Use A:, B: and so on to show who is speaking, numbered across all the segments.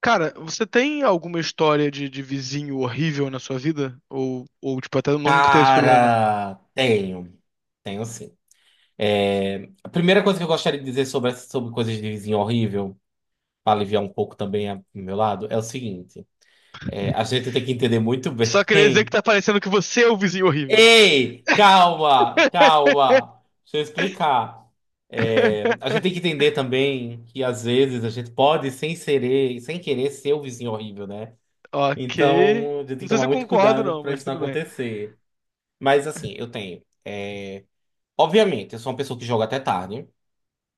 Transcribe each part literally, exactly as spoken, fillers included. A: Cara, você tem alguma história de, de vizinho horrível na sua vida? Ou, ou, tipo, até nunca teve esse problema?
B: Cara, tenho, tenho sim. É, a primeira coisa que eu gostaria de dizer sobre, essa- sobre coisas de vizinho horrível, para aliviar um pouco também a- do meu lado, é o seguinte: é, a gente tem que entender muito bem.
A: Só queria dizer que tá parecendo que você é o vizinho horrível.
B: Ei, calma, calma, deixa eu explicar. É, a gente tem que entender também que às vezes a gente pode, sem querer, sem querer, ser o vizinho horrível, né?
A: Ok.
B: Então, a gente tem
A: Não
B: que
A: sei se
B: tomar
A: eu
B: muito
A: concordo,
B: cuidado
A: não,
B: para
A: mas
B: isso não
A: tudo bem.
B: acontecer. Mas assim, eu tenho. Obviamente, eu sou uma pessoa que joga até tarde.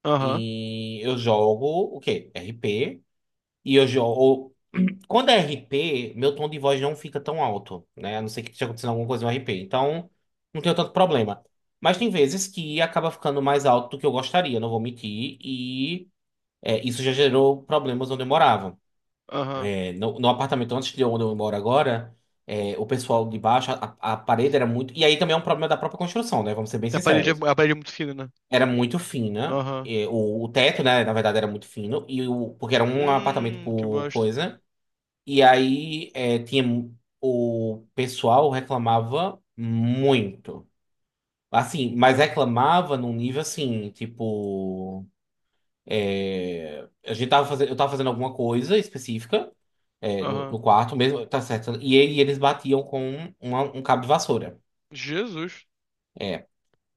A: Aham,
B: E eu jogo o quê? R P. E eu jogo. Quando é R P, meu tom de voz não fica tão alto, né? A não ser que esteja acontecendo alguma coisa no R P. Então, não tenho tanto problema. Mas tem vezes que acaba ficando mais alto do que eu gostaria, não vou mentir. E é, isso já gerou problemas onde eu morava.
A: aham.
B: É, no, no apartamento antes de onde eu moro agora, é, o pessoal de baixo, a, a parede era muito. E aí também é um problema da própria construção, né? Vamos ser bem
A: A parede é,
B: sinceros.
A: a parede é muito fina, né?
B: Era muito fina.
A: Aham.
B: E O, o teto, né, na verdade, era muito fino. E o, porque era um apartamento
A: Hum, que
B: por
A: bosta.
B: coisa. E aí é, tinha mu- o pessoal reclamava muito. Assim, mas reclamava num nível assim, tipo. É, a gente tava fazendo, eu tava fazendo alguma coisa específica, é, no, no
A: Aham.
B: quarto mesmo, tá certo. E aí eles batiam com uma- um cabo de vassoura.
A: Jesus.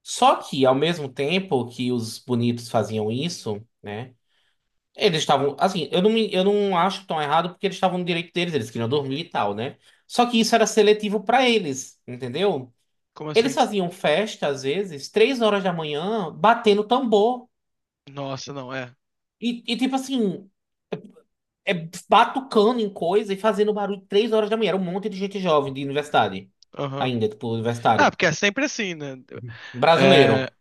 B: Só que, ao mesmo tempo que os bonitos faziam isso, né? Eles estavam, assim, eu não, me, eu não acho tão errado porque eles estavam no direito deles, eles queriam dormir e tal, né? Só que isso era seletivo pra eles, entendeu?
A: Como
B: Eles
A: assim?
B: faziam festa, às vezes, três horas da manhã, batendo tambor.
A: Nossa, não, é.
B: E, e tipo assim, é, batucando em coisa e fazendo barulho três horas da manhã. Era um monte de gente jovem de universidade,
A: Aham.
B: ainda, tipo,
A: Ah,
B: universitário.
A: porque é sempre assim, né? É.
B: Brasileiro.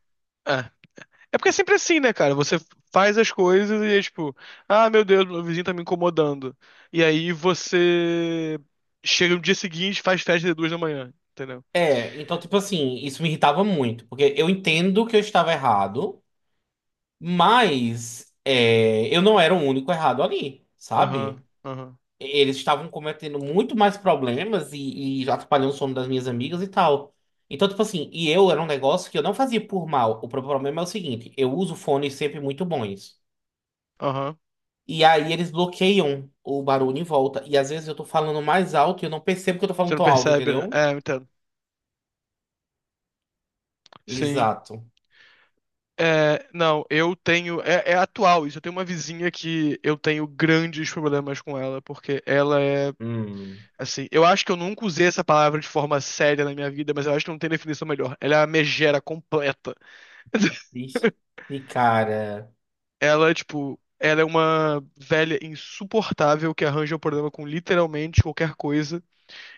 A: É. É porque é sempre assim, né, cara? Você faz as coisas e é tipo, ah, meu Deus, meu vizinho tá me incomodando. E aí você chega no dia seguinte, e faz festa de duas da manhã, entendeu?
B: É, então, tipo assim, isso me irritava muito, porque eu entendo que eu estava errado. Mas é, eu não era o único errado ali, sabe?
A: Aham, aham,
B: Eles estavam cometendo muito mais problemas e, e já atrapalhando o sono das minhas amigas e tal. Então, tipo assim, e eu era um negócio que eu não fazia por mal. O problema é o seguinte: eu uso fones sempre muito bons.
A: aham.
B: E aí eles bloqueiam o barulho em volta. E às vezes eu tô falando mais alto e eu não percebo que eu tô
A: Você
B: falando
A: não
B: tão alto,
A: percebe, né?
B: entendeu?
A: É, eu entendo. Sim.
B: Exato.
A: É, não, eu tenho. É, é atual isso. Eu tenho uma vizinha que eu tenho grandes problemas com ela, porque ela é.
B: Hum.
A: Assim, eu acho que eu nunca usei essa palavra de forma séria na minha vida, mas eu acho que não tem definição melhor. Ela é a megera completa.
B: Ixi, cara.
A: Ela, tipo, ela é uma velha insuportável que arranja um problema com literalmente qualquer coisa.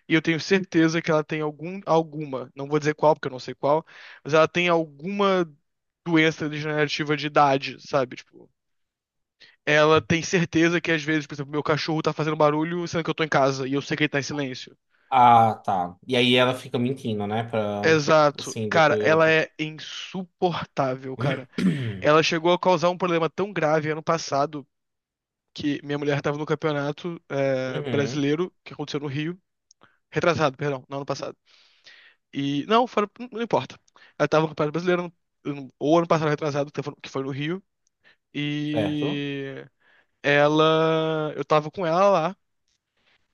A: E eu tenho certeza que ela tem algum, alguma, não vou dizer qual, porque eu não sei qual, mas ela tem alguma doença degenerativa de idade, sabe? Tipo, ela tem certeza que às vezes, por exemplo, meu cachorro tá fazendo barulho sendo que eu tô em casa e eu sei que ele tá em silêncio.
B: Ah, tá. E aí ela fica mentindo, né? Pra o
A: Exato. Cara,
B: síndico. e o-
A: ela é insuportável, cara. Ela chegou a causar um problema tão grave ano passado que minha mulher estava no campeonato, é,
B: Uhum.
A: brasileiro, que aconteceu no Rio, retrasado, perdão, não ano passado. E, não, fora- não importa. Ela estava no campeonato brasileiro, no- ou ano passado retrasado, que foi que foi no Rio,
B: Certo?
A: e ela, eu tava com ela lá,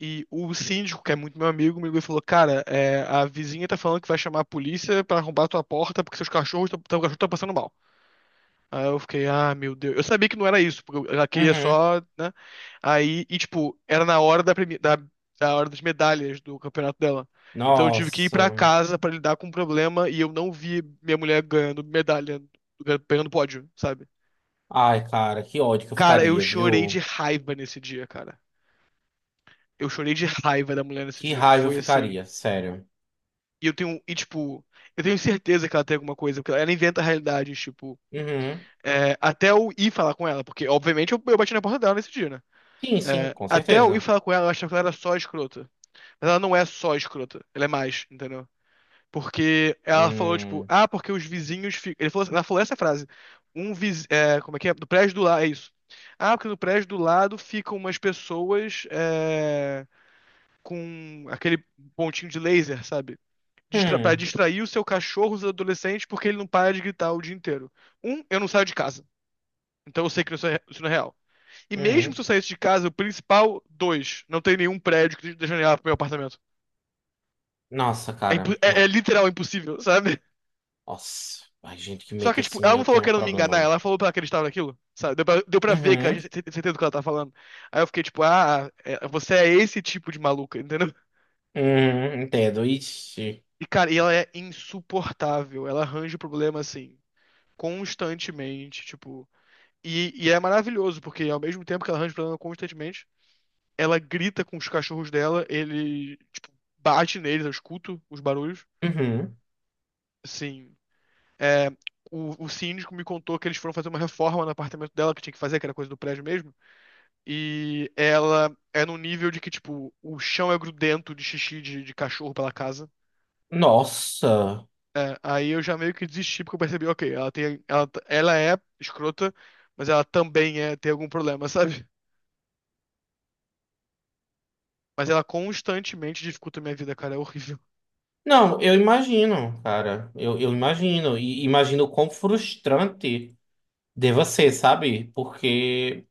A: e o síndico, que é muito meu amigo, me ligou e falou, cara, é, a vizinha tá falando que vai chamar a polícia pra arrombar a tua porta porque seus cachorros, tão- teu cachorro tá passando mal. Aí eu fiquei, ah, meu Deus. Eu sabia que não era isso, porque eu- ela queria
B: Uhum.
A: só, né? Aí, e tipo, era na hora da, premi- da, da hora das medalhas do campeonato dela. Então eu tive que ir pra
B: Nossa.
A: casa pra lidar com o problema e eu não vi minha mulher ganhando medalha, pegando pódio, sabe?
B: Ai, cara, que ódio que eu
A: Cara, eu
B: ficaria,
A: chorei de
B: viu?
A: raiva nesse dia, cara. Eu chorei de raiva da mulher nesse
B: Que
A: dia.
B: raiva eu
A: Foi assim.
B: ficaria, sério.
A: E eu tenho, e tipo, eu tenho certeza que ela tem alguma coisa, porque ela inventa realidades, tipo,
B: Uhum.
A: é, até eu ir falar com ela, porque obviamente eu, eu bati na porta dela nesse dia, né?
B: Sim, sim,
A: É,
B: com
A: até eu ir
B: certeza.
A: falar com ela, eu achava que ela era só escrota. Mas ela não é só escrota, ela é mais, entendeu? Porque ela falou, tipo,
B: Hum.
A: ah, porque os vizinhos. fi- Ele falou, ela falou essa frase. Um viz... é, como é que é? Do prédio do lado, é isso. Ah, porque no prédio do lado ficam umas pessoas, é, com aquele pontinho de laser, sabe? Distra... Pra
B: Hum.
A: distrair o seu cachorro, os adolescentes, porque ele não para de gritar o dia inteiro. Um, eu não saio de casa. Então eu sei que isso é- isso não é real. E mesmo
B: Uhum.
A: se eu saísse de casa, o principal, dois, não tem nenhum prédio que dê janela pro meu apartamento.
B: Nossa,
A: É,
B: cara.
A: é- é
B: Não.
A: literal impossível, sabe?
B: Nossa. Ai, gente que
A: Só
B: mente
A: que, tipo,
B: assim,
A: ela não
B: eu
A: falou
B: tenho
A: que
B: um
A: era me enganar,
B: problema.
A: ela falou pra ela que ele estava naquilo, sabe? Deu pra, deu pra ver, cara, tinha
B: Uhum.
A: cer- certeza do que ela tá falando. Aí eu fiquei, tipo, ah, é- você é esse tipo de maluca, entendeu?
B: Uhum. Entendo. Ixi.
A: E, cara, e ela é insuportável, ela arranja o problema, assim, constantemente, tipo. E, e é maravilhoso, porque ao mesmo tempo que ela arranja o problema constantemente, ela grita com os cachorros dela, ele, tipo, bate neles, eu escuto os barulhos.
B: Uhum.
A: Assim, é, o, o síndico me contou que eles foram fazer uma reforma no apartamento dela, que tinha que fazer, que era coisa do prédio mesmo. E ela é num nível de que, tipo, o chão é grudento de xixi de, de cachorro pela casa.
B: Nossa.
A: É, aí eu já meio que desisti, porque eu percebi, ok, ela tem, ela, ela é escrota, mas ela também é, tem algum problema, sabe? Mas ela constantemente dificulta a minha vida, cara, é horrível.
B: Não, eu imagino, cara. Eu, eu imagino. E imagino o quão frustrante deva ser, sabe? Porque.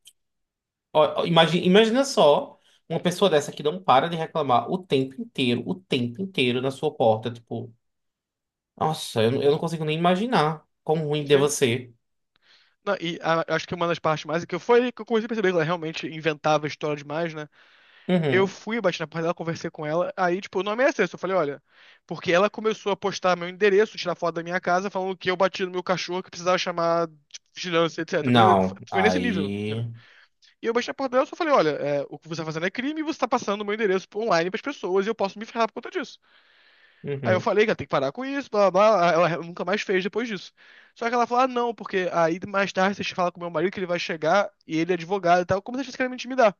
B: Ó, ó, imagi- imagina só uma pessoa dessa que não para de reclamar o tempo inteiro, o tempo inteiro na sua porta. Tipo, nossa, eu, não- eu não consigo nem imaginar quão ruim deva
A: Sim.
B: ser.
A: Não, e a- acho que uma das partes mais que eu- foi que eu comecei a perceber que ela realmente inventava história demais, né? Eu
B: Uhum.
A: fui, bati na porta dela, conversei com ela, aí, tipo, o nome é esse. Eu falei, olha, porque ela começou a postar meu endereço, tirar foto da minha casa, falando que eu bati no meu cachorro, que precisava chamar, tipo, vigilância, etcétera. Coisa,
B: Não,
A: foi nesse nível,
B: aí.
A: entendeu? E eu bati na porta dela e só falei, olha, é, o que você tá fazendo é crime e você tá passando o meu endereço online pras pessoas e eu posso me ferrar por conta disso. Aí eu
B: Uhum.
A: falei que ela tem que parar com isso, blá blá blá. Ela nunca mais fez depois disso. Só que ela falou, ah, não, porque aí mais tarde você fala com meu marido que ele vai chegar e ele é advogado e tal, como se vocês querem me intimidar.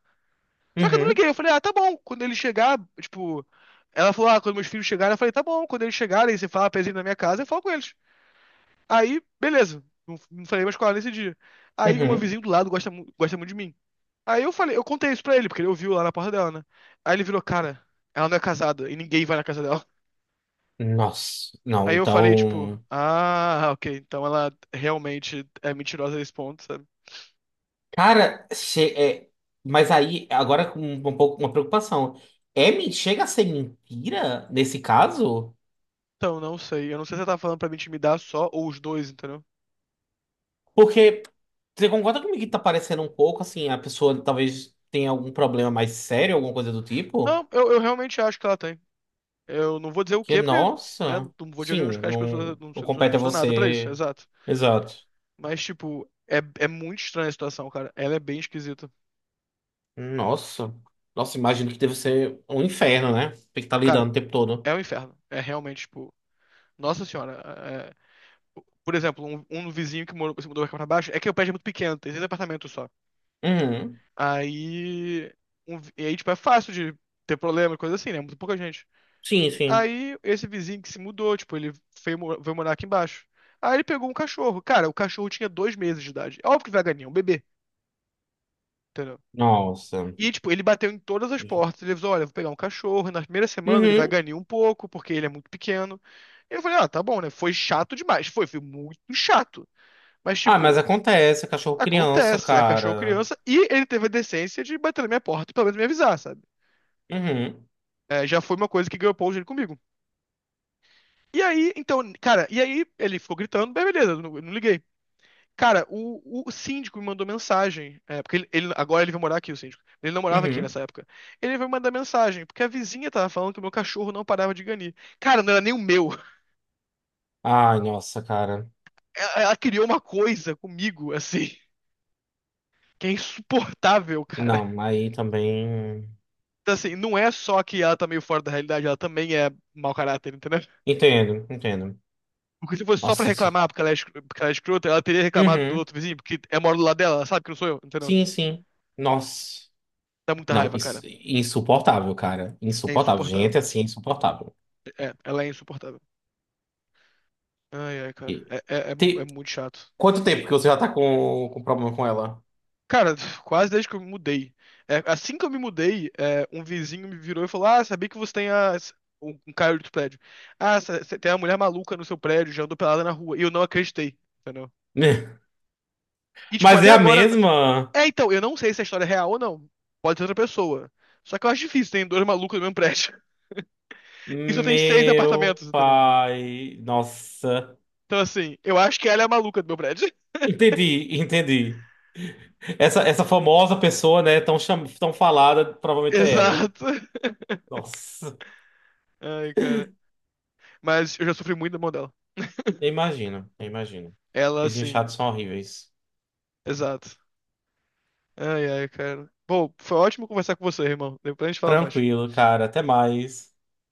A: Só que eu não
B: Uhum.
A: liguei, eu falei, ah, tá bom, quando ele chegar, tipo. Ela falou, ah, quando meus filhos chegarem, eu falei, tá bom, quando eles chegarem, você fala pra eles irem na minha casa, eu falo com eles. Aí, beleza. Não, não falei mais com ela nesse dia. Aí o meu
B: Uhum.
A: vizinho do lado gosta, mu- gosta muito de mim. Aí eu falei, eu contei isso pra ele, porque ele ouviu lá na porta dela, né? Aí ele virou, cara, ela não é casada e ninguém vai na casa dela.
B: Nossa, não,
A: Aí eu falei, tipo,
B: então.
A: ah, ok, então ela realmente é mentirosa nesse ponto, sabe?
B: Cara, che- é, mas aí, agora com um, pouco uma preocupação. É, men- chega a ser mentira nesse caso?
A: Então, não sei. Eu não sei se ela tá falando pra me intimidar só ou os dois, entendeu?
B: Porque você concorda comigo que tá parecendo um pouco assim, a pessoa talvez tenha algum problema mais sério, alguma coisa do tipo?
A: Não, eu, eu realmente acho que ela tem. Eu não vou dizer o
B: Que,
A: quê, porque, né,
B: nossa,
A: não vou
B: sim,
A: diagnosticar as
B: não,
A: pessoas, não
B: não
A: sou, não sou- não
B: compete a
A: sou nada pra isso,
B: você.
A: exato.
B: Exato.
A: Mas, tipo, é, é muito estranha a situação, cara. Ela é bem esquisita.
B: Nossa. Nossa, imagino que deve ser um inferno, né? Tem que estar
A: Cara,
B: lidando o tempo todo.
A: é um inferno. É realmente, tipo, nossa senhora. é- é, Por exemplo, um, um vizinho que morou, se mudou aqui pra baixo, é que o prédio é muito pequeno, tem seis apartamentos só.
B: Uhum.
A: Aí. um vi- e aí, tipo, é fácil de ter problema, coisa assim, né? Muito pouca gente.
B: Sim, sim.
A: Aí, esse vizinho que se mudou, tipo, ele veio, mo- veio morar aqui embaixo. Aí ele pegou um cachorro. Cara, o cachorro tinha dois meses de idade. É óbvio que vai ganhar, é um bebê, entendeu?
B: Nossa.
A: E, tipo, ele bateu em todas as portas. Ele avisou, olha, eu vou pegar um cachorro. E na primeira semana ele vai
B: Uhum.
A: ganhar um pouco, porque ele é muito pequeno. E eu falei, ah, tá bom, né? Foi chato demais. Foi, foi muito chato. Mas,
B: Ah, mas
A: tipo,
B: acontece, cachorro criança,
A: acontece. É cachorro
B: cara.
A: criança. E ele teve a decência de bater na minha porta, e pelo menos me avisar, sabe?
B: Uhum,
A: É, já foi uma coisa que ganhou ponto dele comigo. E aí, então, cara, e aí ele ficou gritando, bem, beleza, eu não, eu não liguei. Cara, o, o síndico me mandou mensagem, é, porque ele, ele- agora ele veio morar aqui, o síndico. Ele não morava aqui
B: uhum.
A: nessa época. Ele veio mandar mensagem, porque a vizinha tava falando que o meu cachorro não parava de ganir. Cara, não era nem o meu.
B: Ai, nossa, cara.
A: Ela, ela criou uma coisa comigo, assim, que é insuportável, cara.
B: Não, aí também.
A: Então, assim, não é só que ela tá meio fora da realidade, ela também é mau caráter, entendeu?
B: Entendo, entendo.
A: Porque se fosse só pra
B: Nossa, isso.
A: reclamar porque ela é, escro- porque ela é escrota, ela teria reclamado do
B: Uhum.
A: outro vizinho, porque é mora do lado dela, ela sabe que não sou eu, entendeu?
B: Sim, sim. Nossa.
A: Dá muita
B: Não,
A: raiva,
B: isso,
A: cara.
B: insuportável, cara.
A: É
B: Insuportável.
A: insuportável.
B: Gente, assim, é insuportável.
A: É, ela é insuportável. Ai, ai, cara.
B: E-
A: É, é, é, é
B: te-
A: muito chato.
B: Quanto tempo que você já tá com, com problema com ela?
A: Cara, quase desde que eu me mudei. É, assim que eu me mudei, é, um vizinho me virou e falou: Ah, sabia que você tem a. Um um cara do prédio. Ah, você tem uma mulher maluca no seu prédio, já andou pelada na rua. E eu não acreditei, entendeu? E, tipo,
B: Mas
A: até
B: é a
A: agora.
B: mesma?
A: É, então, eu não sei se a história é real ou não. Pode ser outra pessoa. Só que eu acho difícil, tem dois malucos no mesmo prédio. Isso tem seis
B: Meu
A: apartamentos, entendeu?
B: pai. Nossa.
A: Então, assim, eu acho que ela é a maluca do meu prédio.
B: Entendi, entendi. Essa, essa famosa pessoa, né, tão, cham... tão falada, provavelmente é ela.
A: Exato.
B: Nossa,
A: Ai, cara. Mas eu já sofri muito da mão dela.
B: eu imagino, eu imagino.
A: Ela,
B: Vizinhos
A: assim,
B: chatos são horríveis.
A: exato. Ai, ai, cara. Bom, foi ótimo conversar com você, irmão. Depois a gente fala mais.
B: Tranquilo, cara, até mais.